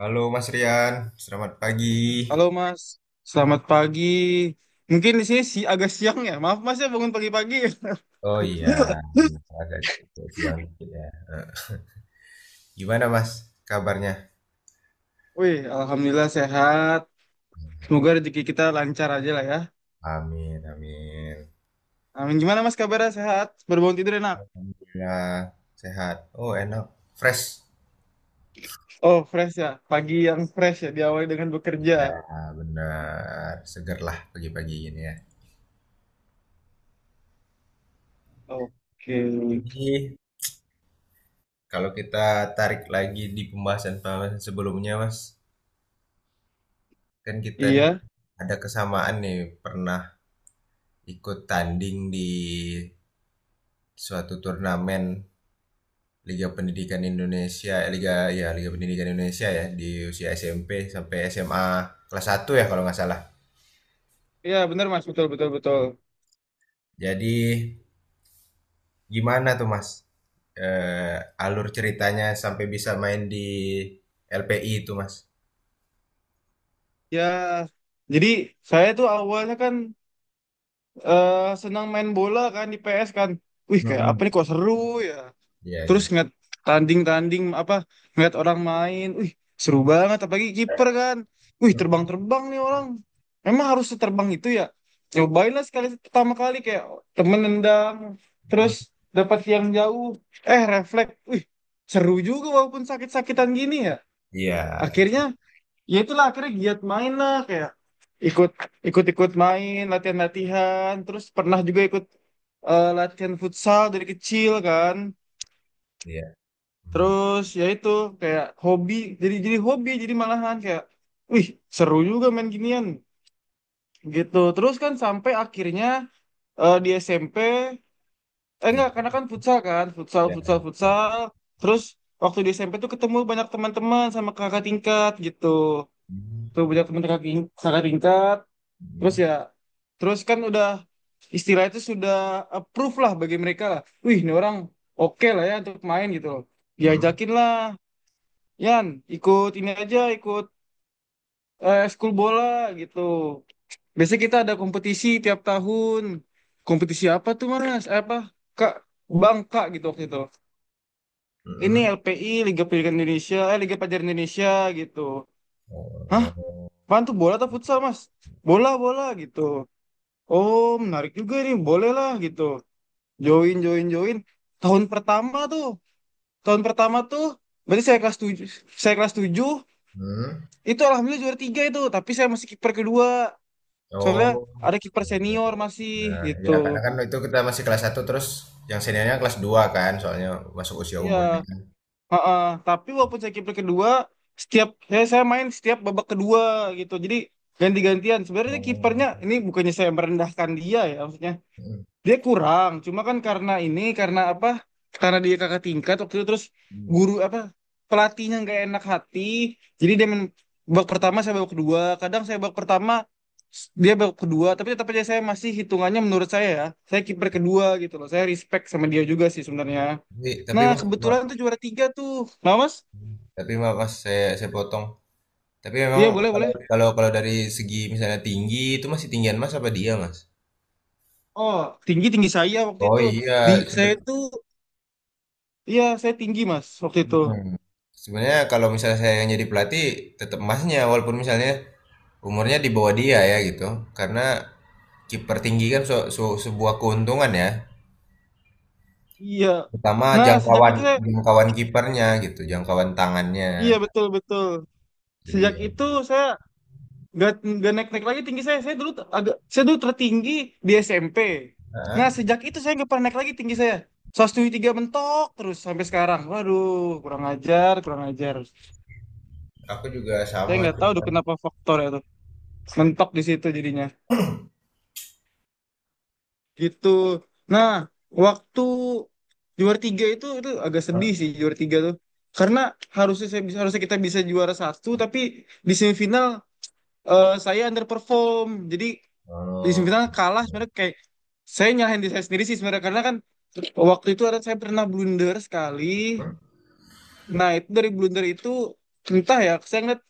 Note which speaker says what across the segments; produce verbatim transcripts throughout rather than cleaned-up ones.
Speaker 1: Halo Mas Rian, selamat pagi.
Speaker 2: Halo Mas, selamat pagi. Mungkin di sini si agak siang ya. Maaf Mas ya bangun pagi-pagi.
Speaker 1: Oh iya, benar, agak agak siang dikit ya. Eh, Gimana Mas kabarnya?
Speaker 2: Wih, alhamdulillah sehat. Semoga rezeki kita lancar aja lah ya.
Speaker 1: Amin, amin.
Speaker 2: Amin. Gimana Mas kabarnya sehat? Baru bangun tidur enak.
Speaker 1: Alhamdulillah, sehat. Oh enak, fresh.
Speaker 2: Oh, fresh ya. Pagi yang fresh ya diawali dengan bekerja.
Speaker 1: Ya benar, seger lah pagi-pagi ini ya.
Speaker 2: Oke.
Speaker 1: Jadi kalau kita tarik lagi di pembahasan-pembahasan sebelumnya Mas, kan kita nih
Speaker 2: Iya.
Speaker 1: ada kesamaan nih pernah ikut tanding di suatu turnamen Liga Pendidikan Indonesia, eh, Liga ya Liga Pendidikan Indonesia ya di usia S M P sampai S M A kelas satu ya kalau nggak salah.
Speaker 2: Iya, benar Mas, betul betul betul.
Speaker 1: Jadi gimana tuh Mas? Eh, Alur ceritanya sampai bisa main di L P I itu Mas?
Speaker 2: Ya, jadi saya tuh awalnya kan eh, senang main bola kan di P S kan. Wih, kayak apa
Speaker 1: Mm-mm.
Speaker 2: nih kok seru ya.
Speaker 1: Iya
Speaker 2: Terus
Speaker 1: iya.
Speaker 2: ngeliat tanding-tanding apa, ngeliat orang main, wih seru banget, apalagi kiper kan. Wih, terbang-terbang nih orang, emang harus terbang itu ya. Cobain lah sekali, pertama kali kayak temen nendang terus
Speaker 1: Mhm.
Speaker 2: dapat yang jauh, eh refleks. Wih, seru juga walaupun sakit-sakitan gini ya.
Speaker 1: Iya
Speaker 2: Akhirnya, ya itulah, akhirnya giat main lah, kayak ikut ikut-ikut main, latihan-latihan, terus pernah juga ikut eh, latihan futsal dari kecil kan.
Speaker 1: iya. Hmm.
Speaker 2: Terus ya itu kayak hobi, jadi jadi hobi, jadi malahan kayak wih seru juga main ginian gitu. Terus kan sampai akhirnya eh, di S M P, eh
Speaker 1: Iya.
Speaker 2: enggak, karena kan futsal kan, futsal
Speaker 1: Iya.
Speaker 2: futsal futsal. Terus waktu di S M P tuh ketemu banyak teman-teman sama kakak tingkat gitu,
Speaker 1: Hmm.
Speaker 2: tuh banyak teman kakak ting- kakak tingkat. Terus
Speaker 1: Hmm.
Speaker 2: ya, terus kan udah istilah itu sudah approve lah bagi mereka lah, wih ini orang oke lah ya untuk main gitu loh,
Speaker 1: Hmm.
Speaker 2: diajakin lah. Yan, ikut ini aja, ikut eh, ekskul bola gitu. Biasanya kita ada kompetisi tiap tahun. Kompetisi apa tuh, Mas? Eh, Apa? Kak, Bangka gitu waktu itu. Ini
Speaker 1: Hmm.
Speaker 2: L P I, Liga Pendidikan Indonesia, eh Liga Pelajar Indonesia gitu. Hah?
Speaker 1: Oh.
Speaker 2: Apaan tuh bola atau futsal, Mas? Bola, bola gitu. Oh, menarik juga nih, boleh lah gitu. Join, join, join. Tahun pertama tuh, tahun pertama tuh, berarti saya kelas tujuh, saya kelas tujuh,
Speaker 1: Hmm.
Speaker 2: itu alhamdulillah juara tiga itu, tapi saya masih kiper kedua. Soalnya
Speaker 1: Oh,
Speaker 2: ada kiper
Speaker 1: gitu.
Speaker 2: senior masih
Speaker 1: Nah,
Speaker 2: gitu.
Speaker 1: ya karena kan itu kita masih kelas satu terus yang seniornya kelas dua kan, soalnya masuk usia
Speaker 2: Iya,
Speaker 1: umurnya kan.
Speaker 2: heeh. Tapi walaupun saya kiper kedua, setiap saya, saya main setiap babak kedua gitu. Jadi ganti-gantian. Sebenarnya kipernya
Speaker 1: Oh.
Speaker 2: ini bukannya saya merendahkan dia ya, maksudnya.
Speaker 1: Mm,
Speaker 2: Dia kurang, cuma kan karena ini, karena apa? Karena dia kakak tingkat waktu itu. Terus guru
Speaker 1: mm.
Speaker 2: apa, pelatihnya nggak enak hati, jadi dia main babak pertama, saya babak kedua. Kadang saya babak pertama, s- dia babak kedua, tapi tetap aja saya masih hitungannya, menurut saya ya, saya kiper kedua gitu loh. Saya respect sama dia juga sih sebenarnya.
Speaker 1: Tapi tapi
Speaker 2: Nah
Speaker 1: mas, Ma-
Speaker 2: kebetulan tuh juara tiga tuh, nah mas?
Speaker 1: tapi Ma- mas saya saya potong. Tapi memang
Speaker 2: Iya boleh
Speaker 1: kalau
Speaker 2: boleh.
Speaker 1: kalau kalau dari segi misalnya tinggi itu masih tinggian mas apa dia mas?
Speaker 2: Oh, tinggi tinggi saya waktu
Speaker 1: Oh
Speaker 2: itu, di
Speaker 1: iya,
Speaker 2: saya
Speaker 1: sebe-
Speaker 2: tuh, iya saya tinggi mas waktu itu.
Speaker 1: mm. Sebenarnya kalau misalnya saya yang jadi pelatih tetap masnya walaupun misalnya umurnya di bawah dia ya gitu. Karena kiper tinggi kan su- su- sebuah keuntungan ya.
Speaker 2: Iya.
Speaker 1: Pertama
Speaker 2: Nah, sejak
Speaker 1: jangkauan
Speaker 2: itu saya.
Speaker 1: jangkauan kipernya gitu, jangkauan tangannya.
Speaker 2: Iya betul betul.
Speaker 1: Itu
Speaker 2: Sejak
Speaker 1: dia.
Speaker 2: itu saya nggak nggak naik naik lagi tinggi saya. Saya dulu t- agak, saya dulu tertinggi di S M P. Nah
Speaker 1: Heeh,
Speaker 2: sejak itu saya nggak pernah naik lagi tinggi saya. seratus tujuh puluh tiga mentok terus sampai sekarang. Waduh, kurang ajar kurang ajar.
Speaker 1: aku juga
Speaker 2: Saya
Speaker 1: sama
Speaker 2: nggak tahu tuh
Speaker 1: cuman
Speaker 2: kenapa faktor itu mentok di situ jadinya. Gitu. Nah waktu juara tiga itu itu agak sedih sih juara tiga tuh. Karena harusnya saya bisa, harusnya kita bisa juara satu, tapi di semifinal eh, saya underperform. Jadi di semifinal
Speaker 1: eee,
Speaker 2: kalah, sebenarnya kayak saya nyalahin diri saya sendiri sih sebenarnya, karena kan waktu itu ada, saya pernah blunder sekali. Nah itu dari blunder itu entah ya, saya ngeliat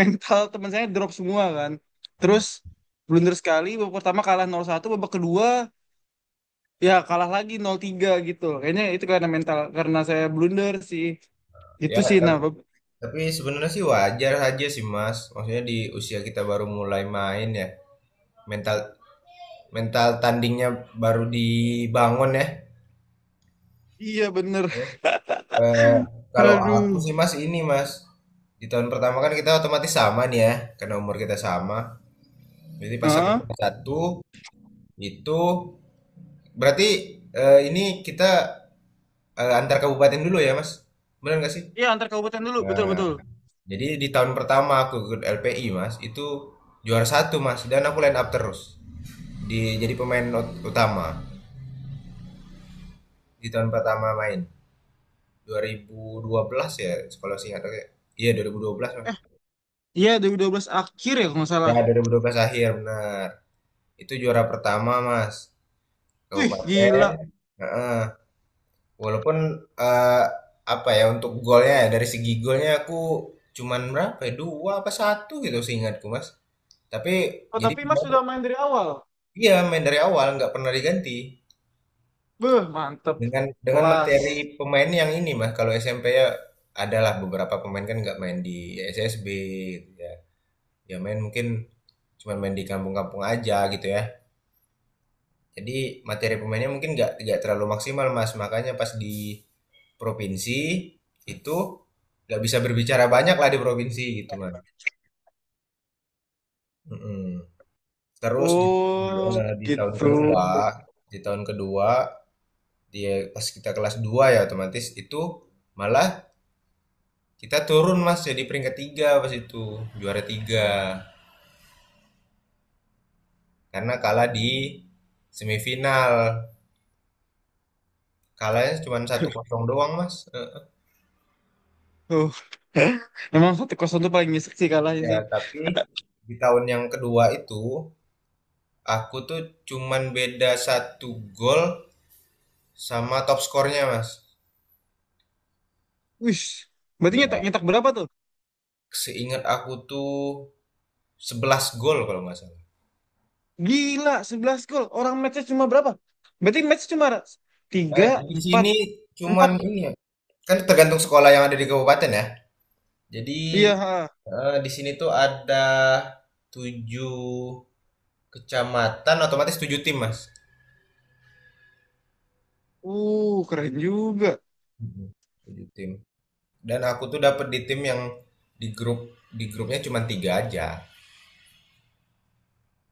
Speaker 2: mental teman saya drop semua kan. Terus blunder sekali, babak pertama kalah nol satu, babak kedua ya kalah lagi nol tiga gitu, kayaknya itu karena mental, karena saya blunder sih itu
Speaker 1: ya
Speaker 2: sih. Nah
Speaker 1: tapi
Speaker 2: bab-
Speaker 1: tapi sebenarnya sih wajar aja sih Mas, maksudnya di usia kita baru mulai main ya, mental mental tandingnya baru dibangun ya.
Speaker 2: iya bener.
Speaker 1: Eee, Kalau
Speaker 2: Aduh.
Speaker 1: aku sih Mas ini Mas, di tahun pertama kan kita otomatis sama nih ya, karena umur kita sama. Jadi pas aku
Speaker 2: Hah?
Speaker 1: kelas satu itu berarti, eh, ini kita, eh, antar kabupaten dulu ya, Mas? Benar nggak sih?
Speaker 2: Iya antar kabupaten dulu, betul
Speaker 1: Nah,
Speaker 2: betul.
Speaker 1: jadi di tahun pertama aku ikut L P I, Mas, itu juara satu, Mas, dan aku line up terus. Di, jadi pemain ut- utama di tahun pertama main dua ribu dua belas ya, sekolah singkat aku ya. Iya, dua nol satu dua, Mas.
Speaker 2: Eh iya, dua dua ribu dua belas akhir ya kalau nggak
Speaker 1: Ya,
Speaker 2: salah.
Speaker 1: dua ribu dua belas akhir, benar. Itu juara pertama, Mas.
Speaker 2: Wih, gila.
Speaker 1: Kabupaten. Heeh. Walaupun eh, apa ya untuk golnya ya, dari segi golnya aku cuman berapa ya, dua apa satu gitu seingatku Mas. Tapi
Speaker 2: Oh,
Speaker 1: jadi
Speaker 2: tapi Mas sudah main dari awal.
Speaker 1: iya main dari awal nggak pernah diganti
Speaker 2: Beuh, mantep.
Speaker 1: dengan dengan
Speaker 2: Kelas.
Speaker 1: materi pemain yang ini Mas. Kalau S M P ya adalah beberapa pemain kan nggak main di S S B gitu ya. Ya main mungkin cuman main di kampung-kampung aja gitu ya. Jadi materi pemainnya mungkin nggak nggak terlalu maksimal mas, makanya pas di provinsi itu nggak bisa berbicara banyak lah di provinsi gitu mas. Mm-mm. Terus di,
Speaker 2: Oh,
Speaker 1: ya, di tahun
Speaker 2: gitu.
Speaker 1: kedua di tahun kedua dia pas kita kelas dua ya otomatis itu malah kita turun mas, jadi peringkat tiga pas itu, juara tiga karena kalah di semifinal, kalahnya cuma satu kosong doang mas. Eh,
Speaker 2: Oh. Emang satu kosong tuh paling nyesek sih kalahnya
Speaker 1: ya,
Speaker 2: sih.
Speaker 1: tapi di tahun yang kedua itu, aku tuh cuman beda satu gol sama top skornya, Mas.
Speaker 2: Wih, berarti nyetak,
Speaker 1: Iya.
Speaker 2: nyetak berapa tuh?
Speaker 1: Seingat aku tuh sebelas gol kalau nggak salah.
Speaker 2: Gila, sebelas gol. Orang matchnya cuma berapa? Berarti match cuma
Speaker 1: Eh,
Speaker 2: tiga,
Speaker 1: di
Speaker 2: empat,
Speaker 1: sini cuman
Speaker 2: empat.
Speaker 1: ini ya, kan tergantung sekolah yang ada di kabupaten ya. Jadi
Speaker 2: Iya, ha.
Speaker 1: eh, di sini tuh ada tujuh kecamatan, otomatis tujuh tim, Mas.
Speaker 2: Uh, keren juga.
Speaker 1: Mhm. tujuh tim. Dan aku tuh dapet di tim yang di grup di grupnya cuman tiga aja.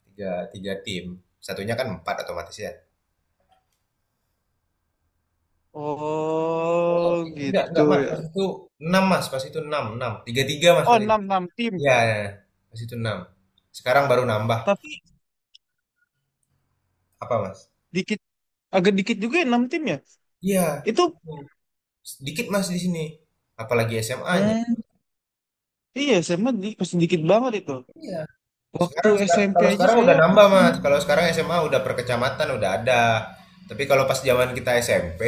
Speaker 1: Tiga, tiga tim. Satunya kan empat otomatis ya. Oh,
Speaker 2: Oh,
Speaker 1: enggak,
Speaker 2: gitu
Speaker 1: enggak, Mas. Pas
Speaker 2: ya.
Speaker 1: itu enam Mas. Pas itu enam, enam, tiga Mas,
Speaker 2: Oh,
Speaker 1: pas itu.
Speaker 2: enam enam tim.
Speaker 1: Iya, ya, ya. Pas itu enam. Sekarang baru nambah.
Speaker 2: Tapi
Speaker 1: Apa, Mas?
Speaker 2: dikit, agak dikit juga ya enam tim ya.
Speaker 1: Iya.
Speaker 2: Itu.
Speaker 1: Sedikit, Mas, di sini. Apalagi S M A-nya.
Speaker 2: Hmm, iya S M A di, pasti dikit banget itu.
Speaker 1: Iya.
Speaker 2: Waktu
Speaker 1: Sekarang, seka-
Speaker 2: S M P
Speaker 1: kalau
Speaker 2: aja
Speaker 1: sekarang
Speaker 2: saya
Speaker 1: udah
Speaker 2: waktu
Speaker 1: nambah,
Speaker 2: itu kan.
Speaker 1: Mas. Kalau sekarang S M A udah per kecamatan, udah ada. Tapi kalau pas zaman kita S M P,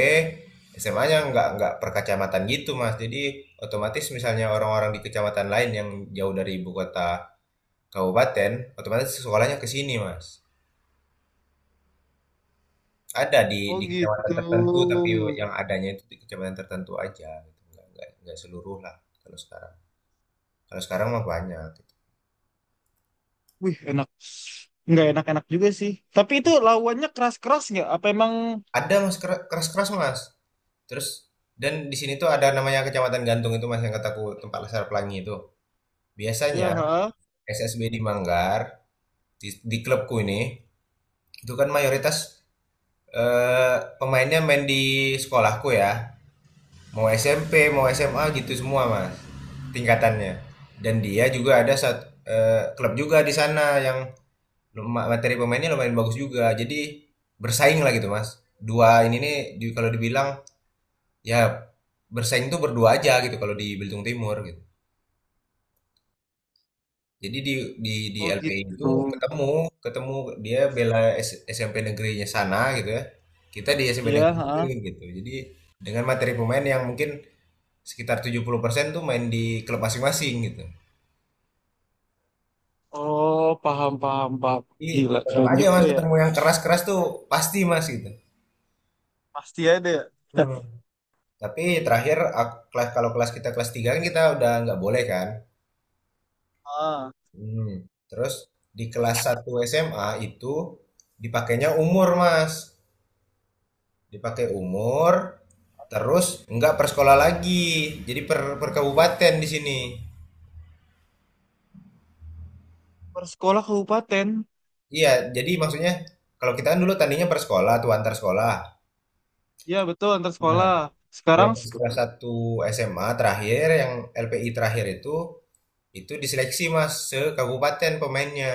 Speaker 1: S M A-nya nggak nggak per kecamatan gitu, Mas. Jadi otomatis misalnya orang-orang di kecamatan lain yang jauh dari ibu kota kabupaten, otomatis sekolahnya ke sini, Mas. Ada di
Speaker 2: Oh
Speaker 1: di
Speaker 2: gitu.
Speaker 1: kecamatan tertentu, tapi yang adanya itu di kecamatan tertentu aja gitu. Nggak, nggak, nggak seluruh lah kalau sekarang. Kalau sekarang mah banyak gitu.
Speaker 2: Wih enak. Nggak enak-enak juga sih. Tapi itu lawannya keras-keras nggak? Apa emang
Speaker 1: Ada Mas, kera- keras-keras Mas. Terus dan di sini tuh ada namanya Kecamatan Gantung itu Mas yang kataku tempat laser pelangi itu. Biasanya
Speaker 2: ya? Ha?
Speaker 1: S S B di Manggar, di, di klubku ini itu kan mayoritas eh, pemainnya main di sekolahku ya. Mau S M P mau S M A gitu semua mas tingkatannya. Dan dia juga ada satu eh, klub juga di sana yang luma- materi pemainnya lumayan bagus juga, jadi bersaing lah gitu mas. Dua ini nih di- kalau dibilang ya bersaing tuh berdua aja gitu kalau di Belitung Timur gitu. Jadi di di di
Speaker 2: Oh
Speaker 1: L P I itu
Speaker 2: gitu.
Speaker 1: ketemu, ketemu dia bela S- SMP negerinya sana gitu ya, kita di S M P
Speaker 2: Ya.
Speaker 1: negeri
Speaker 2: Ha?
Speaker 1: gitu. Jadi dengan materi pemain yang mungkin sekitar tujuh puluh persen tuh main di klub masing-masing gitu.
Speaker 2: Oh paham paham paham.
Speaker 1: Jadi
Speaker 2: Gila
Speaker 1: tetap
Speaker 2: keren
Speaker 1: aja
Speaker 2: juga
Speaker 1: mas
Speaker 2: ya.
Speaker 1: ketemu yang keras-keras tuh pasti mas gitu.
Speaker 2: Pasti ada ya.
Speaker 1: Hmm. Tapi terakhir ak- kelas kalau kelas kita kelas tiga kan kita udah nggak boleh kan.
Speaker 2: Ah,
Speaker 1: Hmm. Terus di kelas satu S M A itu dipakainya umur mas. Dipakai umur terus nggak per sekolah lagi. Jadi per, per kabupaten di sini.
Speaker 2: per sekolah kabupaten.
Speaker 1: Iya, jadi maksudnya kalau kita kan dulu tandingnya per sekolah tuh antar sekolah.
Speaker 2: Ya betul antar sekolah.
Speaker 1: Kalau
Speaker 2: Sekarang
Speaker 1: pas
Speaker 2: sek-
Speaker 1: kelas satu S M A terakhir, yang L P I terakhir itu, itu diseleksi Mas se kabupaten pemainnya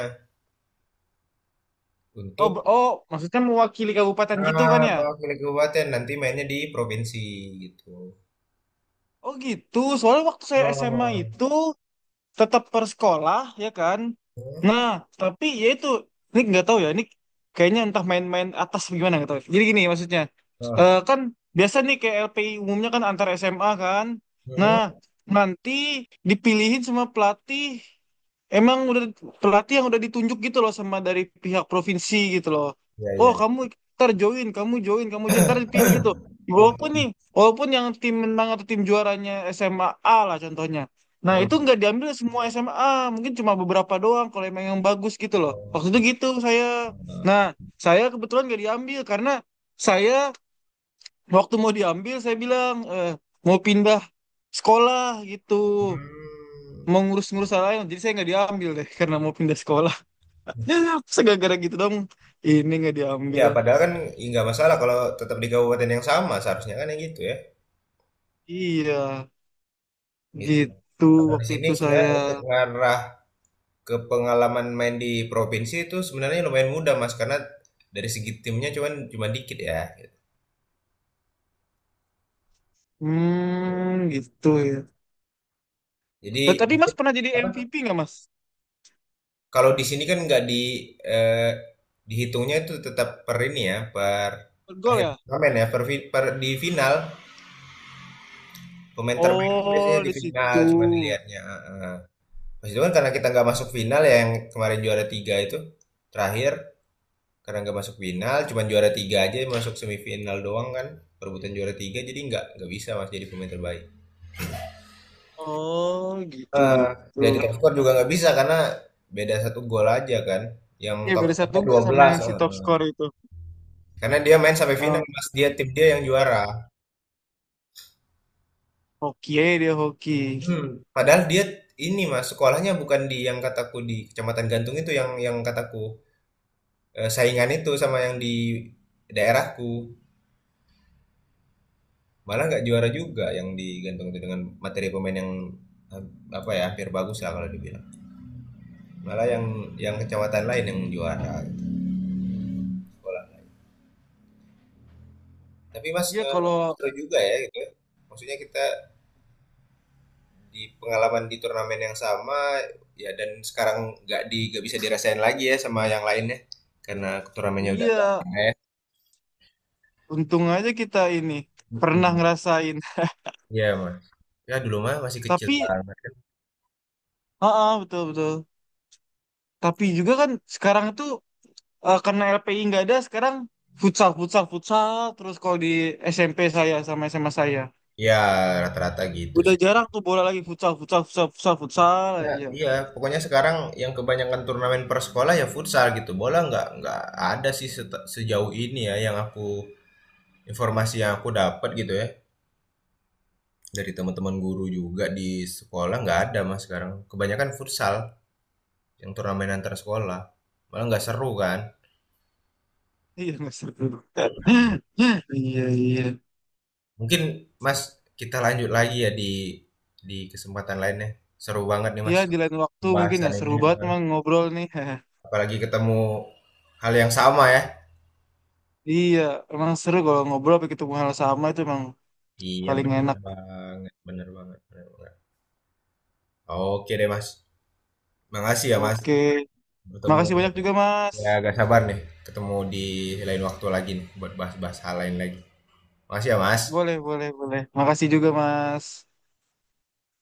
Speaker 2: oh,
Speaker 1: untuk
Speaker 2: b- oh maksudnya mewakili kabupaten gitu kan
Speaker 1: ah,
Speaker 2: ya?
Speaker 1: mewakili kabupaten nanti mainnya di provinsi gitu.
Speaker 2: Oh gitu, soalnya waktu saya S M A
Speaker 1: Oh.
Speaker 2: itu tetap persekolah ya kan.
Speaker 1: Hmm.
Speaker 2: Nah tapi ya itu, ini nggak tahu ya ini, kayaknya entah main-main atas apa gimana nggak tahu, jadi gini maksudnya. eh,
Speaker 1: Ah.
Speaker 2: kan biasa nih kayak L P I umumnya kan antar S M A kan. Nah
Speaker 1: Hmm.
Speaker 2: nanti dipilihin sama pelatih, emang udah pelatih yang udah ditunjuk gitu loh sama dari pihak provinsi gitu loh.
Speaker 1: Ya,
Speaker 2: Oh
Speaker 1: ya, ya.
Speaker 2: kamu, ntar join, kamu join, kamu join ntar dipilih gitu. Walaupun nih, walaupun yang tim menang atau tim juaranya SMA A, A lah contohnya. Nah, itu
Speaker 1: Hmm.
Speaker 2: nggak diambil semua S M A, mungkin cuma beberapa doang kalau emang yang bagus gitu loh.
Speaker 1: Oh.
Speaker 2: Waktu itu gitu saya. Nah, saya kebetulan nggak diambil karena saya, waktu mau diambil saya bilang eh, mau pindah sekolah gitu,
Speaker 1: Hmm.
Speaker 2: mau ngurus-ngurus hal lain. Jadi saya nggak diambil deh karena mau pindah sekolah. Masa gara gitu dong, ini nggak
Speaker 1: Ya,
Speaker 2: diambil.
Speaker 1: padahal kan i- nggak masalah kalau tetap di kabupaten yang sama seharusnya kan yang gitu ya.
Speaker 2: Iya,
Speaker 1: Gitu.
Speaker 2: gitu
Speaker 1: Kalau di
Speaker 2: waktu
Speaker 1: sini
Speaker 2: itu
Speaker 1: sebenarnya
Speaker 2: saya.
Speaker 1: untuk ngarah ke pengalaman main di provinsi itu sebenarnya lumayan mudah Mas karena dari segi timnya cuman cuman dikit ya.
Speaker 2: Hmm, gitu ya.
Speaker 1: Jadi
Speaker 2: But tadi Mas pernah jadi
Speaker 1: apa?
Speaker 2: M V P nggak Mas?
Speaker 1: Kalau di sini kan nggak di eh, dihitungnya itu tetap per ini ya, per
Speaker 2: Gol
Speaker 1: akhir
Speaker 2: ya?
Speaker 1: turnamen ya, per, fi- per di final, pemain terbaik itu biasanya
Speaker 2: Oh,
Speaker 1: di
Speaker 2: di
Speaker 1: final cuman
Speaker 2: situ.
Speaker 1: dilihatnya. Heeh. Mas itu kan karena kita nggak masuk final ya, yang kemarin juara tiga itu terakhir, karena nggak masuk final cuman juara tiga aja, masuk semifinal doang kan perebutan juara tiga, jadi nggak nggak bisa Mas jadi pemain terbaik.
Speaker 2: Oh, gitu
Speaker 1: Eh,
Speaker 2: gitu.
Speaker 1: jadi top skor juga nggak bisa karena beda satu gol aja kan. Yang
Speaker 2: Iya
Speaker 1: top
Speaker 2: beda satu
Speaker 1: skornya
Speaker 2: gol
Speaker 1: dua
Speaker 2: sama
Speaker 1: belas.
Speaker 2: yang si
Speaker 1: Oh,
Speaker 2: top
Speaker 1: eh.
Speaker 2: score itu.
Speaker 1: Karena dia main sampai final,
Speaker 2: Yang
Speaker 1: Mas. Dia tim, dia yang juara.
Speaker 2: hoki ya, dia hoki.
Speaker 1: Hmm. Padahal dia ini, Mas, sekolahnya bukan di yang kataku di Kecamatan Gantung itu, yang yang kataku eh, saingan itu sama yang di daerahku. Malah nggak juara juga yang di Gantung itu dengan materi pemain yang eh, apa ya hampir bagus lah kalau dibilang, malah yang yang kecamatan lain yang juara. Tapi Mas,
Speaker 2: Iya
Speaker 1: eee,
Speaker 2: kalau
Speaker 1: seru juga ya gitu ya. Maksudnya kita di pengalaman di turnamen yang sama, ya, dan sekarang nggak di nggak bisa dirasain lagi ya sama yang lainnya, karena turnamennya udah nggak
Speaker 2: iya,
Speaker 1: ada ya.
Speaker 2: untung aja kita ini pernah
Speaker 1: Mhm,
Speaker 2: ngerasain.
Speaker 1: iya Mas. Ya dulu mah masih kecil
Speaker 2: Tapi
Speaker 1: banget kan.
Speaker 2: heeh betul betul. Tapi juga kan sekarang itu eh, karena L P I nggak ada sekarang, futsal futsal futsal. Terus kalau di S M P saya sama S M A saya
Speaker 1: Ya rata-rata gitu
Speaker 2: udah
Speaker 1: sih.
Speaker 2: jarang tuh bola lagi, futsal futsal futsal futsal futsal
Speaker 1: Ya
Speaker 2: aja.
Speaker 1: iya, pokoknya sekarang yang kebanyakan turnamen per sekolah ya futsal gitu, bola nggak nggak ada sih, sete sejauh ini ya yang aku informasi yang aku dapat gitu ya. Dari teman-teman guru juga di sekolah nggak ada Mas sekarang. Kebanyakan futsal yang turnamen antar sekolah. Malah nggak seru kan.
Speaker 2: Iya nggak seru. Iya iya.
Speaker 1: Mungkin Mas kita lanjut lagi ya di di kesempatan lainnya. Seru banget nih
Speaker 2: Iya
Speaker 1: Mas
Speaker 2: di lain waktu mungkin ya,
Speaker 1: pembahasan
Speaker 2: seru
Speaker 1: ini.
Speaker 2: banget emang ngobrol nih.
Speaker 1: Apalagi ketemu hal yang sama ya.
Speaker 2: Iya emang seru kalau ngobrol pakai ketemu hal sama itu emang
Speaker 1: Iya
Speaker 2: paling
Speaker 1: bener
Speaker 2: enak.
Speaker 1: banget, bener banget, bener banget. Oke deh Mas. Makasih ya Mas.
Speaker 2: Oke,
Speaker 1: Bertemu
Speaker 2: makasih banyak juga Mas.
Speaker 1: ya agak sabar nih, ketemu di lain waktu lagi nih buat bahas-bahas hal lain lagi. Makasih ya Mas.
Speaker 2: Boleh boleh boleh. Makasih juga Mas.